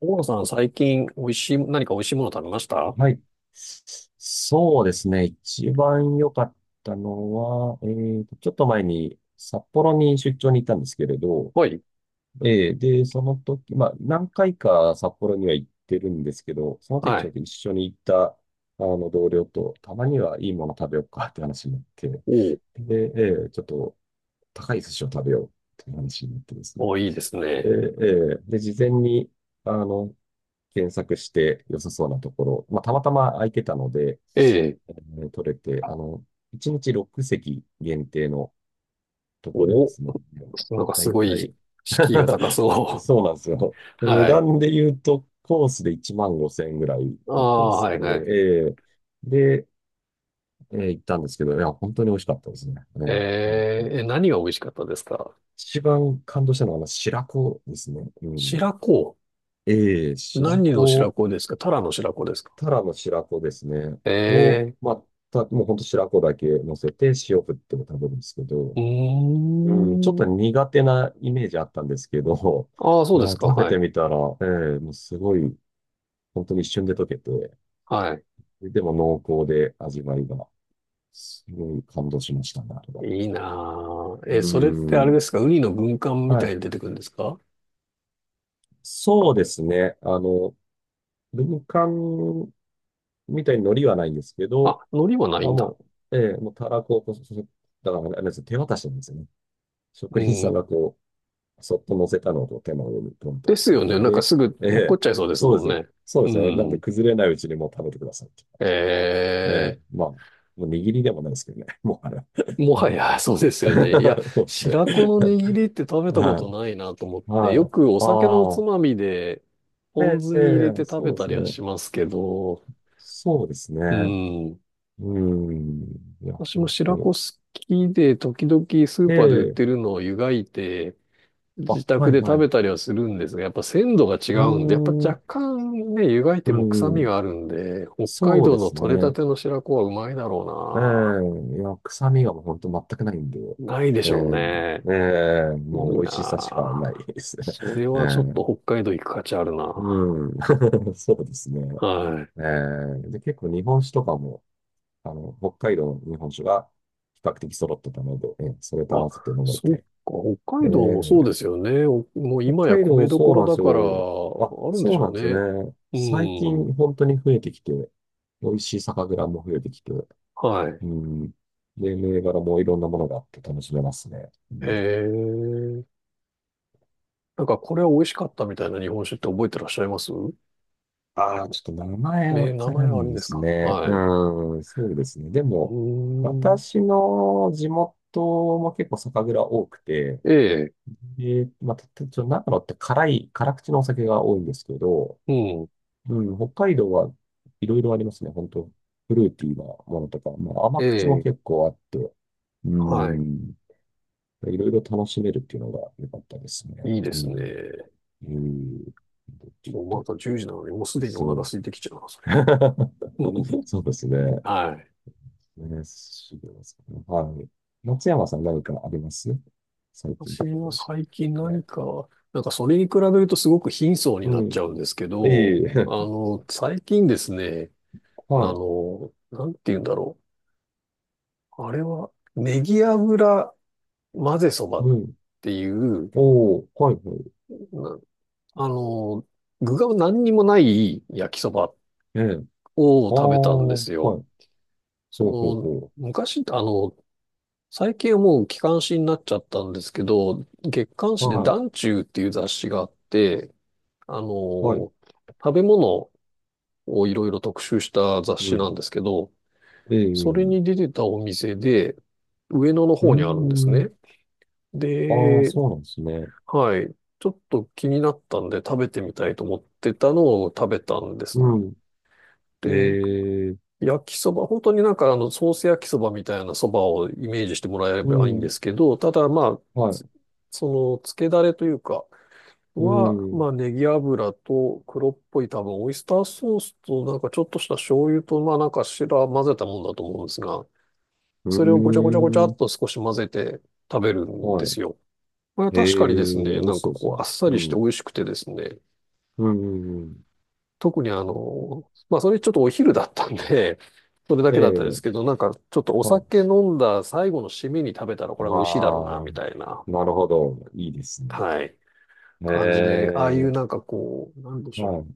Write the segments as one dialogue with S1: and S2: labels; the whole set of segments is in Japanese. S1: 大野さん、最近、美味しい、何か美味しいもの食べました？
S2: はい。そうですね。一番良かったのは、ちょっと前に札幌に出張に行ったんですけれど、
S1: はい。
S2: えーで、その時、まあ、何回か札幌には行ってるんですけど、その時
S1: は
S2: ちょ
S1: い。
S2: っと一緒に行った、同僚と、たまにはいいもの食べようかって話になって、
S1: おう。
S2: で、ちょっと高い寿司を食べようって話になってです
S1: お
S2: ね。
S1: う、いいです
S2: で、
S1: ね。
S2: 事前に、あの、検索して良さそうなところ、まあ、たまたま空いてたので、
S1: ええ。
S2: ね取れて、1日6席限定のとこでで
S1: お、
S2: すね、
S1: なんか
S2: だ
S1: す
S2: い
S1: ご
S2: た
S1: い、
S2: い
S1: 敷居が高 そ
S2: そうなんですよ。
S1: う。
S2: で値
S1: はい。
S2: 段で言うと、コースで1万5千円ぐらい
S1: あ
S2: のコー
S1: あ、
S2: ス
S1: はい、はい。
S2: で、えーで、行ったんですけど、いや、本当に美味しかったですね。う
S1: え
S2: んうん
S1: え、え、何が美味しかったですか？
S2: 一番感動したのは、白子ですね。うん。
S1: 白子。
S2: ええ、白
S1: 何の白
S2: 子、
S1: 子ですか？タラの白子ですか？
S2: タラの白子ですね。
S1: え
S2: を、
S1: え。
S2: まあ、もう本当白子だけ乗せて塩振っても食べるんですけど、
S1: う
S2: うん、ちょっ
S1: ー
S2: と
S1: ん。
S2: 苦手なイメージあったんですけど、
S1: ああ、そうですか。
S2: 食べ
S1: は
S2: て
S1: い。
S2: みたら、もうすごい、本当に一瞬で溶けて、
S1: はい。
S2: でも濃厚で味わいが、すごい感動しましたね、あれは。
S1: いいなあ。
S2: う
S1: え、それってあ
S2: ー
S1: れで
S2: ん。
S1: すか、ウニの軍艦み
S2: は
S1: たい
S2: い。
S1: に出てくるんですか？
S2: そうですね。軍艦みたいに海苔はないんですけ
S1: あ、
S2: ど、
S1: 海苔はな
S2: あ、
S1: いんだ。
S2: ももうたらこをこう、そそだから、あれですね手渡しなんですよね。
S1: う
S2: 職人さん
S1: ん、
S2: がこそっと乗せたのと手の上にトントン
S1: で
S2: って
S1: す
S2: くれ
S1: よ
S2: る
S1: ね。
S2: ん
S1: なんか
S2: で、
S1: すぐ
S2: え
S1: 落っこっ
S2: え、
S1: ちゃいそうです
S2: そう
S1: もん
S2: です。
S1: ね。
S2: そうで
S1: う
S2: すね。なんで
S1: ん。
S2: 崩れないうちにもう食べてくださいって感じ。ええ、
S1: え
S2: まあ、もう握りでもないですけどね。もうあれは。
S1: ー、もはや、そうですよね。いや、
S2: そうですね。
S1: 白子の握りって食 べたこ
S2: は
S1: と
S2: い。
S1: ないなと思って、よ
S2: はい。
S1: くお酒のお
S2: あ
S1: つ
S2: あ。
S1: まみで、
S2: え
S1: ポン
S2: え、
S1: 酢に入れて食
S2: そう
S1: べ
S2: で
S1: た
S2: す
S1: りは
S2: ね。
S1: しますけど、
S2: そうです
S1: う
S2: ね。
S1: ん。
S2: うーん。いや、
S1: 私も
S2: 本当
S1: 白子
S2: に。
S1: 好きで、時々スー
S2: え
S1: パーで売っ
S2: え、
S1: てるのを湯がいて、
S2: あ、
S1: 自宅
S2: はい、
S1: で
S2: は
S1: 食
S2: い。
S1: べ
S2: う
S1: たりはするんですが、やっぱ鮮度が違
S2: ー
S1: うんで、やっぱ若
S2: ん。
S1: 干ね、湯がいて
S2: う
S1: も臭み
S2: ん。
S1: があるんで、北海
S2: そう
S1: 道
S2: で
S1: の
S2: す
S1: 採れた
S2: ね。
S1: ての白子はうまいだろ
S2: ええ、いや、臭みがもう本当全くないんで、
S1: うな。ないで
S2: え
S1: しょうね。
S2: え、
S1: い
S2: もう
S1: い
S2: 美味しさしか
S1: な。
S2: ないですね。
S1: それ
S2: え
S1: はちょっ
S2: え、
S1: と北海道行く価値あるな。
S2: うん、そうですね。
S1: はい。
S2: ええ、で、結構日本酒とかも、北海道の日本酒が比較的揃ってたので、ええ、それと合
S1: あ、
S2: わせて飲め
S1: そっか。
S2: て。
S1: 北
S2: え
S1: 海道もそう
S2: え、
S1: ですよね。おもう
S2: 北
S1: 今や
S2: 海
S1: 米
S2: 道
S1: どこ
S2: そう
S1: ろ
S2: なんで
S1: だ
S2: す
S1: から、
S2: よ。あ、
S1: あるんで
S2: そ
S1: し
S2: う
S1: ょう
S2: なんです
S1: ね。
S2: よね。最
S1: うん。
S2: 近本当に増えてきて、美味しい酒蔵も増えてきて、
S1: はい。
S2: うん。で、銘柄もいろんなものがあって楽しめますね。う
S1: へ
S2: ん、
S1: え。なんかこれは美味しかったみたいな日本酒って覚えてらっしゃいます？
S2: ああ、ちょっと名
S1: え
S2: 前わ
S1: ー、名
S2: か
S1: 前
S2: ら
S1: はあ
S2: ない
S1: るん
S2: で
S1: です
S2: す
S1: か？
S2: ね。
S1: はい。
S2: うん、そうですね。で
S1: う
S2: も、
S1: ーん。
S2: 私の地元も結構酒蔵多くて、
S1: ええ、
S2: で、まあ、たたちょ、長野って辛口のお酒が多いんですけど、
S1: うん。
S2: うん、北海道はいろいろありますね。本当フルーティーなものとか、まあ、甘
S1: え
S2: 口も
S1: え、
S2: 結構あって、う
S1: はい。
S2: ん、いろいろ楽しめるっていうのが良かったですね。
S1: いいで
S2: う
S1: す
S2: ん
S1: ね。
S2: うーん。ち
S1: もう
S2: ょっ
S1: ま
S2: と、
S1: た10時なのに、もうす
S2: お
S1: でに
S2: すす
S1: お
S2: め
S1: 腹
S2: で
S1: 空
S2: す
S1: い
S2: ね。
S1: てきちゃうな、そりゃ。うんうん。
S2: そうですね。
S1: はい。
S2: ね、すぐですね。はい。松山さん何かあります最近
S1: 私
S2: とか
S1: は
S2: 楽しかっ
S1: 最近
S2: た。
S1: 何
S2: ええ
S1: か、なんかそれに比べるとすごく貧相にな
S2: う
S1: っ
S2: ん。
S1: ちゃうんですけ
S2: いえい
S1: ど、
S2: え。
S1: 最近ですね、
S2: はい。
S1: なんて言うんだろう。あれは、ネギ油混ぜそばっ
S2: うん。
S1: ていう、
S2: おー、はい、はい。
S1: な、あの、具が何にもない焼きそば
S2: ええ。あ
S1: を
S2: あ。
S1: 食べたんで
S2: はい。
S1: すよ。
S2: ほうほう
S1: そ
S2: ほ
S1: の、昔、最近はもう機関誌になっちゃったんですけど、月刊
S2: う。
S1: 誌で
S2: はい、
S1: 団中っていう雑誌があって、あ
S2: はい。
S1: の、食べ物をいろいろ特集した雑
S2: う
S1: 誌な
S2: ん。
S1: んですけど、
S2: ええ。
S1: それ
S2: う
S1: に出てたお店で、上野の
S2: ー
S1: 方にあるんですね。
S2: ん。あー、
S1: で、
S2: そうなんですね。
S1: はい。ちょっと気になったんで食べてみたいと思ってたのを食べたんです。
S2: うん。
S1: で、
S2: ええ。
S1: 焼きそば、本当になんかソース焼きそばみたいなそばをイメージしてもらえれ
S2: う
S1: ばいいんで
S2: ん。
S1: すけど、ただまあ、
S2: は
S1: つ、
S2: い。
S1: その、つけだれというか、
S2: う
S1: は、
S2: ん。
S1: まあ、ネギ油と黒っぽい多分、オイスターソースとなんかちょっとした醤油と、まあなんか白混ぜたもんだと思うんですが、
S2: う
S1: それをごちゃごちゃごちゃ
S2: ー
S1: っ
S2: ん。
S1: と少し混ぜて食べるん
S2: は
S1: です
S2: い。
S1: よ。これは
S2: え
S1: 確かにで
S2: え
S1: す
S2: 美
S1: ね、
S2: 味
S1: なん
S2: しそ
S1: か
S2: うです
S1: こ
S2: ね。
S1: う、あっさり
S2: う
S1: して
S2: ん。
S1: 美味しくてですね、
S2: うん、うんうん。
S1: 特にまあそれちょっとお昼だったんで、それだけだったんで
S2: え
S1: すけ
S2: え
S1: ど、なんかちょっとお
S2: はい。
S1: 酒飲んだ最後の締めに食べたらこ
S2: あ
S1: れは美味しいだろうな、
S2: あ、
S1: みたいな、
S2: なるほど。いいですね。
S1: はい、感じで、ああい
S2: え
S1: う
S2: え
S1: なんかこう、なんでしょ
S2: は
S1: う。
S2: い。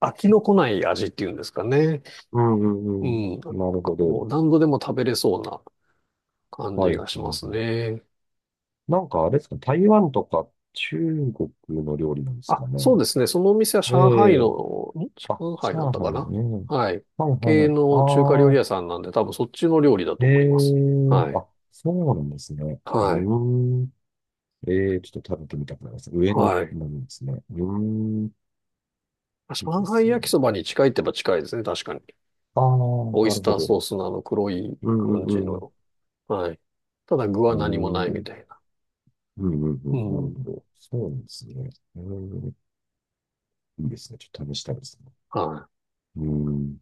S1: 飽きのこない味っていうんですかね。
S2: うん、う
S1: う
S2: ん、うん。
S1: ん。なんか
S2: なるほど。
S1: こう、何度でも食べれそうな感
S2: は
S1: じ
S2: い、はい、
S1: がし
S2: は
S1: ます
S2: い。
S1: ね。
S2: なんかあれですか、台湾とか中国の料理なんです
S1: あ、
S2: か
S1: そう
S2: ね。
S1: ですね。そのお店は上海
S2: え
S1: の、
S2: え
S1: ん、
S2: あ、
S1: 上海だっ
S2: 上
S1: たか
S2: 海
S1: な？
S2: ね。
S1: はい。
S2: はい、はい、は
S1: 系
S2: い。あ
S1: の中華料理
S2: あ、
S1: 屋さんなんで、多分そっちの料理だと
S2: え
S1: 思います。
S2: え
S1: はい。
S2: あ、そうなんですね。う
S1: はい。
S2: ーん。ええちょっと食べてみたくなります。上野
S1: はい。
S2: なんですね。うーん。いい
S1: 上
S2: で
S1: 海
S2: す
S1: 焼き
S2: ね。
S1: そばに近いって言えば近いですね、確かに。
S2: ああ、
S1: オイ
S2: な
S1: ス
S2: る
S1: タ
S2: ほ
S1: ーソ
S2: ど。
S1: ースのあの黒い
S2: うん
S1: 感じ
S2: うん
S1: の。はい。ただ具
S2: う
S1: は
S2: ん。
S1: 何
S2: う
S1: もない
S2: ー
S1: み
S2: ん。
S1: たいな。
S2: うんうんう
S1: う
S2: ん。なるほ
S1: ん。
S2: ど。そうなんですね。うーん。いいですね。ちょっと試したいですね。
S1: はい。
S2: うーん。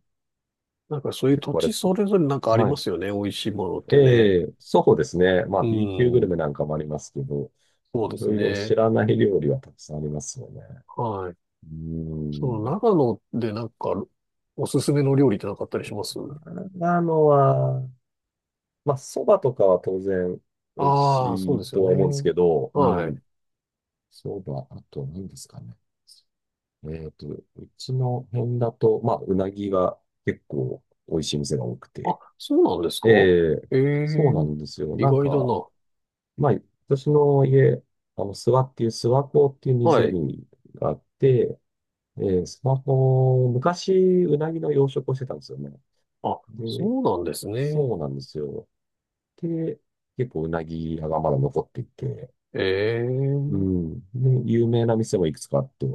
S1: なんかそういう
S2: 結
S1: 土
S2: 構あれ
S1: 地
S2: です
S1: そ
S2: ね。
S1: れぞれなんかあり
S2: は
S1: ま
S2: い。
S1: すよね、美味しいものってね。
S2: ええ、そうですね。まあ、
S1: う
S2: B 級グル
S1: ん。
S2: メなんかもありますけど、
S1: そう
S2: い
S1: で
S2: ろ
S1: す
S2: いろ知
S1: ね。
S2: らない料理はたくさんありますよね。
S1: はい。
S2: う
S1: そ
S2: ー
S1: の
S2: ん。
S1: 長野でなんかおすすめの料理ってなかったりします？
S2: 長野は、まあ、そばとかは当然美味
S1: ああー、そ
S2: し
S1: うで
S2: い
S1: すよ
S2: とは思うんです
S1: ね。
S2: けど、う
S1: は
S2: ん。
S1: い。
S2: そばあと何ですかね。うちの辺だと、まあ、うなぎが結構美味しい店が多く
S1: あ、
S2: て。
S1: そうなんですか？
S2: ええ、
S1: え
S2: そうな
S1: え。
S2: んですよ。
S1: 意
S2: なん
S1: 外だ
S2: か、
S1: な。
S2: まあ、私の家、諏訪っていう、諏訪湖っていう
S1: はい。
S2: 湖があって、ええ、諏訪湖、昔、うなぎの養殖をしてたんですよね。
S1: あ、
S2: で、
S1: そうなんですね。
S2: そうなんですよ。で、結構うなぎ屋がまだ残っていて、う
S1: ええ。
S2: ん。で、有名な店もいくつかあって、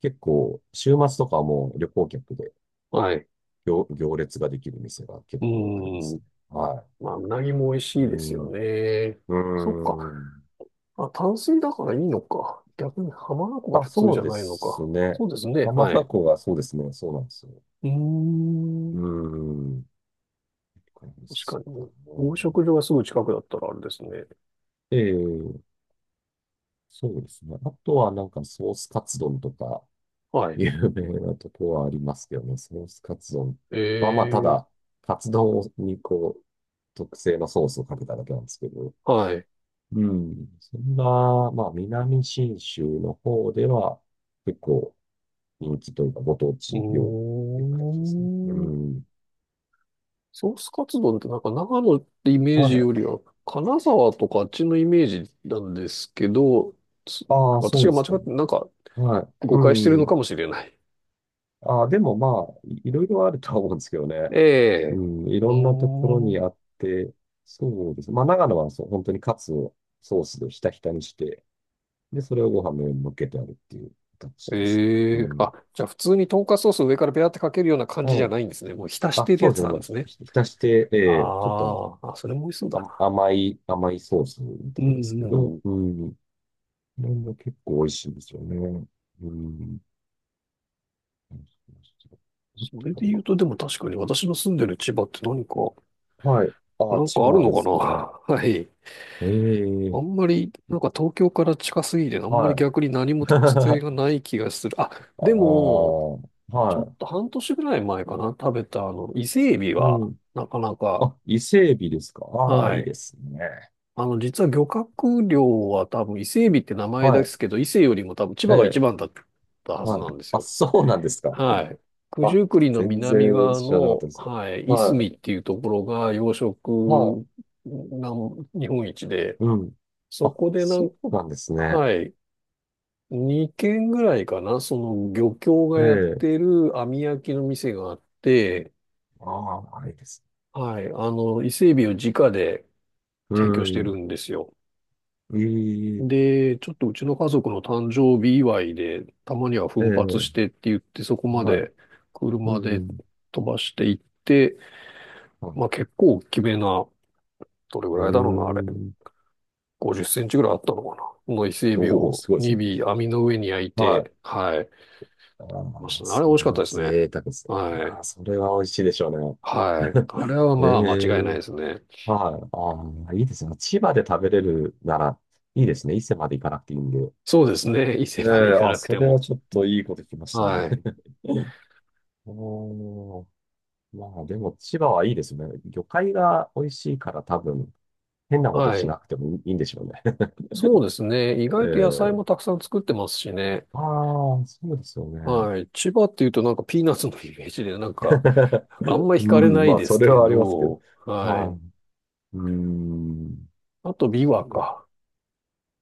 S2: 結構、週末とかはもう旅行客で、
S1: はい。
S2: 行列ができる店が結
S1: う
S2: 構あります
S1: ん。
S2: ね。は
S1: まあ、うなぎも美味し
S2: い。
S1: い
S2: う
S1: です
S2: ん。
S1: よ
S2: う
S1: ね。そっか。
S2: ーん。
S1: あ、淡水だからいいのか。逆に浜名湖が
S2: あ、
S1: 普通
S2: そ
S1: じ
S2: う
S1: ゃ
S2: で
S1: ないの
S2: す
S1: か。
S2: ね。
S1: そうですね。
S2: 浜
S1: はい。
S2: 名
S1: う
S2: 湖がそうですね。そうなんですよ。
S1: ー
S2: うー
S1: ん。
S2: ん。そうです
S1: 確か
S2: か
S1: に。
S2: ね
S1: 養殖場がすぐ近くだったらあれですね。
S2: ええ、そうですね。あとはなんかソースカツ丼とか、
S1: はい。
S2: 有名なとこはありますけどね。ソースカツ丼は、まあ、た
S1: え
S2: だ、
S1: え。
S2: カツ丼にこう、特製のソースをかけただけなんですけど、
S1: はい。
S2: うん。そんな、まあ、南信州の方では、結構人気というか、ご当
S1: う
S2: 地料理っ
S1: ー
S2: ていう形ですね。う
S1: ん。
S2: ん。
S1: ソースカツ丼ってなんか長野ってイメー
S2: は
S1: ジ
S2: い。
S1: よりは、金沢とかあっちのイメージなんですけど、す、
S2: ああ、そ
S1: 私
S2: う
S1: が
S2: で
S1: 間違
S2: すか。
S1: って、なんか、
S2: はい。
S1: 誤解してる
S2: う
S1: の
S2: ん。
S1: かもしれない。
S2: ああ、でもまあ、いいろいろあるとは思うんですけどね。
S1: え
S2: う
S1: え。
S2: ん。い
S1: う
S2: ろんなところ
S1: ー
S2: に
S1: ん。
S2: あって、そうです。まあ、長野はそう、本当にカツをソースでひたひたにして、で、それをご飯の上に乗っけてあるっていう形ですね。う
S1: ええ。あ、
S2: ん。
S1: じゃあ普通にトンカツソースを上からペラってかけるような感じ
S2: は
S1: じゃ
S2: い。
S1: ないんですね。もう浸し
S2: あ、
S1: てる
S2: そ
S1: や
S2: うです
S1: つ
S2: ね。
S1: なん
S2: もう
S1: で
S2: ひ、
S1: すね。
S2: ひひたして、ちょっと
S1: あー、あ、それも美味しそうだな。
S2: 甘いソースみ
S1: う
S2: たいです
S1: ん
S2: け
S1: うん
S2: ど、
S1: うん。
S2: うん。これも結構美味しいんですよね。うん。
S1: それで言うと、でも確かに私の住んでる千葉って何か、
S2: はい。
S1: な
S2: あ、
S1: ん
S2: 千
S1: かある
S2: 葉
S1: の
S2: で
S1: か
S2: す
S1: な？
S2: か。
S1: はい。
S2: え
S1: あ
S2: え
S1: んまり、なんか東京から近すぎて、あんまり
S2: はい。
S1: 逆に何も 特性
S2: あ
S1: がない気がする。あ、
S2: あ、
S1: でも、ちょっ
S2: は
S1: と半年ぐらい前かな、食べたあの、伊勢エビ
S2: い。う
S1: は、
S2: ん。
S1: なかなか、
S2: あ、伊勢海老ですか。ああ、い
S1: は
S2: い
S1: い。
S2: ですね。
S1: 実は漁獲量は多分伊勢海老って名前
S2: は
S1: で
S2: い。
S1: すけど、伊勢よりも多分千
S2: え
S1: 葉が一
S2: え、
S1: 番だったはず
S2: はい。
S1: なんです
S2: あ、
S1: よ。
S2: そうなんですか。
S1: はい。九
S2: あ、
S1: 十九里の
S2: 全
S1: 南
S2: 然
S1: 側
S2: 知らなかった
S1: の、
S2: ですよ。
S1: はい、いすみ
S2: は
S1: っていうところが養
S2: い。は
S1: 殖なん日本一で、
S2: い。うん。
S1: そ
S2: あ、
S1: こでなん、
S2: そうなんですね。
S1: はい、2軒ぐらいかな、その漁協が
S2: え
S1: やっ
S2: え、
S1: てる網焼きの店があって、
S2: ああ、いいですね。
S1: はい、伊勢海老を直で
S2: う
S1: 提供してる
S2: ん。
S1: んですよ。
S2: ええ
S1: で、ちょっとうちの家族の誕生日祝いで、たまには奮発
S2: え
S1: し
S2: え
S1: てって言って、そこま
S2: はい。
S1: で
S2: うん、
S1: 車
S2: う
S1: で
S2: ん。
S1: 飛ばしていって、
S2: は
S1: ま
S2: い。
S1: あ結構大きめな、どれぐ
S2: う
S1: らいだろうな、あ
S2: ー
S1: れ。
S2: ん。
S1: 50センチぐらいあったのかな。の伊勢海老
S2: おお、す
S1: を
S2: ごいですね。
S1: 2尾網の上に焼い
S2: はい。
S1: て、はい。まし
S2: あ
S1: た
S2: あ、
S1: ね。あ
S2: そ
S1: れ美味し
S2: れ
S1: かった
S2: は
S1: ですね。
S2: 贅沢ですね。い
S1: は
S2: や
S1: い。
S2: ー、それは美味しいでしょうね。
S1: はい。あれは まあ間違いな
S2: え
S1: いで
S2: え
S1: すね。
S2: はい。ああ、いいですね。千葉で食べれるなら、いいですね。伊勢まで行かなくていいんで。
S1: そうですね。伊勢
S2: え
S1: まで
S2: え
S1: 行か
S2: あ、
S1: なく
S2: そ
S1: て
S2: れは
S1: も。
S2: ちょっといいこと聞きました
S1: は
S2: ね。
S1: い。
S2: おー、まあでも千葉はいいですね。魚介が美味しいから多分、変なこと
S1: は
S2: し
S1: い。
S2: なくてもいいんでしょうね。
S1: そうですね。意外と野菜
S2: ええ
S1: もたくさん作ってますしね。
S2: ああ、そうですよね。
S1: はい。千葉っていうとなんかピーナッツのイメージでなんか あんま
S2: う
S1: 惹かれな
S2: ん、
S1: い
S2: まあ、
S1: で
S2: そ
S1: す
S2: れ
S1: け
S2: はありますけど。
S1: ど、はい。
S2: はい。うん。
S1: あとビ
S2: そ
S1: ワ
S2: う
S1: か。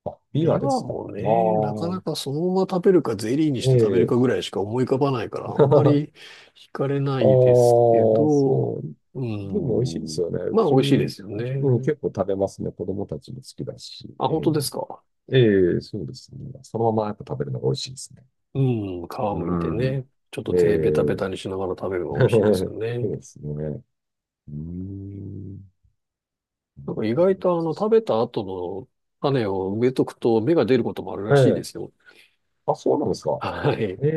S2: あ、ビ
S1: ビ
S2: ワで
S1: ワ
S2: すか。あ
S1: もね、なかなか
S2: あ、
S1: そのまま食べるかゼリーにし
S2: え
S1: て食べる
S2: え
S1: かぐらいしか思い浮かばないから あんま
S2: あ
S1: り惹かれないで
S2: あ、
S1: すけど、
S2: そう。
S1: う
S2: でも美味しいです
S1: ん。
S2: よね。
S1: まあ美味しいですよ
S2: うん、
S1: ね。
S2: 結構食べますね。子供たちも好きだし。
S1: あ、
S2: え
S1: 本当ですか？
S2: えええそうですね。そのままやっぱ食べるのが美味しいですね。
S1: うん。皮むいて
S2: うん。
S1: ね。ちょっと
S2: え
S1: 手ベタベ
S2: え
S1: タにしながら食べるのが 美味しいですよね。
S2: そうですね。うん。な
S1: なん
S2: る
S1: か意
S2: ほ
S1: 外
S2: ど
S1: とあの、食べた後の種を植えとくと芽が出ることもあるらしいで
S2: え
S1: す
S2: え
S1: よ。
S2: あ、そうなんですか。
S1: はい。
S2: え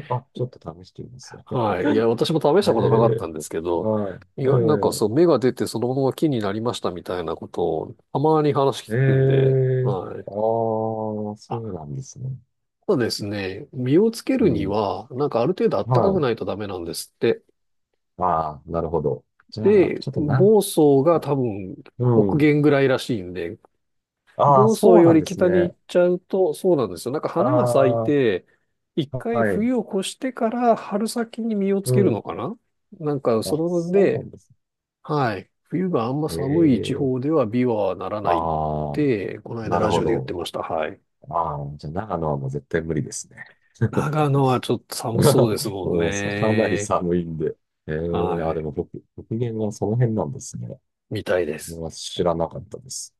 S2: えあ、ちょっと試してみます。
S1: はい。いや、私も試したことなかっ
S2: え
S1: た
S2: え
S1: んですけど、
S2: はい。
S1: 意外、なんかそう、芽が出てそのまま木になりましたみたいなことを、たまに話
S2: ええ
S1: 聞くんで、
S2: ええ
S1: は
S2: あ
S1: い。
S2: あそ
S1: あ、
S2: うなんですね。
S1: ただですね、実をつけ
S2: う
S1: るに
S2: ん。
S1: は、なんかある程度暖か
S2: は
S1: く
S2: い。
S1: ないとダメなんですって。
S2: ああ、なるほど。じゃあ、
S1: で、
S2: ちょっとな、
S1: 房総が
S2: な
S1: 多分
S2: う
S1: 北
S2: ん。
S1: 限ぐらいらしいんで、
S2: ああ、
S1: 房総
S2: そうな
S1: よ
S2: ん
S1: り
S2: です
S1: 北に行
S2: ね。
S1: っちゃうと、そうなんですよ。なんか
S2: あ
S1: 花が咲い
S2: あ、
S1: て、一
S2: は
S1: 回
S2: い。
S1: 冬を越してから春先に実をつ
S2: う
S1: けるの
S2: ん。
S1: かな。なんか、そ
S2: あ、
S1: れ
S2: そうな
S1: で、
S2: んですね。
S1: はい。冬があんま寒い地
S2: え
S1: 方
S2: え
S1: では美はならないっ
S2: ああ、
S1: て、この間
S2: なる
S1: ラジ
S2: ほ
S1: オで言って
S2: ど。
S1: ました。はい。
S2: ああ、じゃあ、長野はもう絶対無理ですね。
S1: 長野はちょっと寒そうです もん
S2: もうん、かなり
S1: ね。
S2: 寒いんで。え
S1: は
S2: ー、あ、
S1: い。
S2: でも北限はその辺なんですね。
S1: みたいです。
S2: 僕は知らなかったです。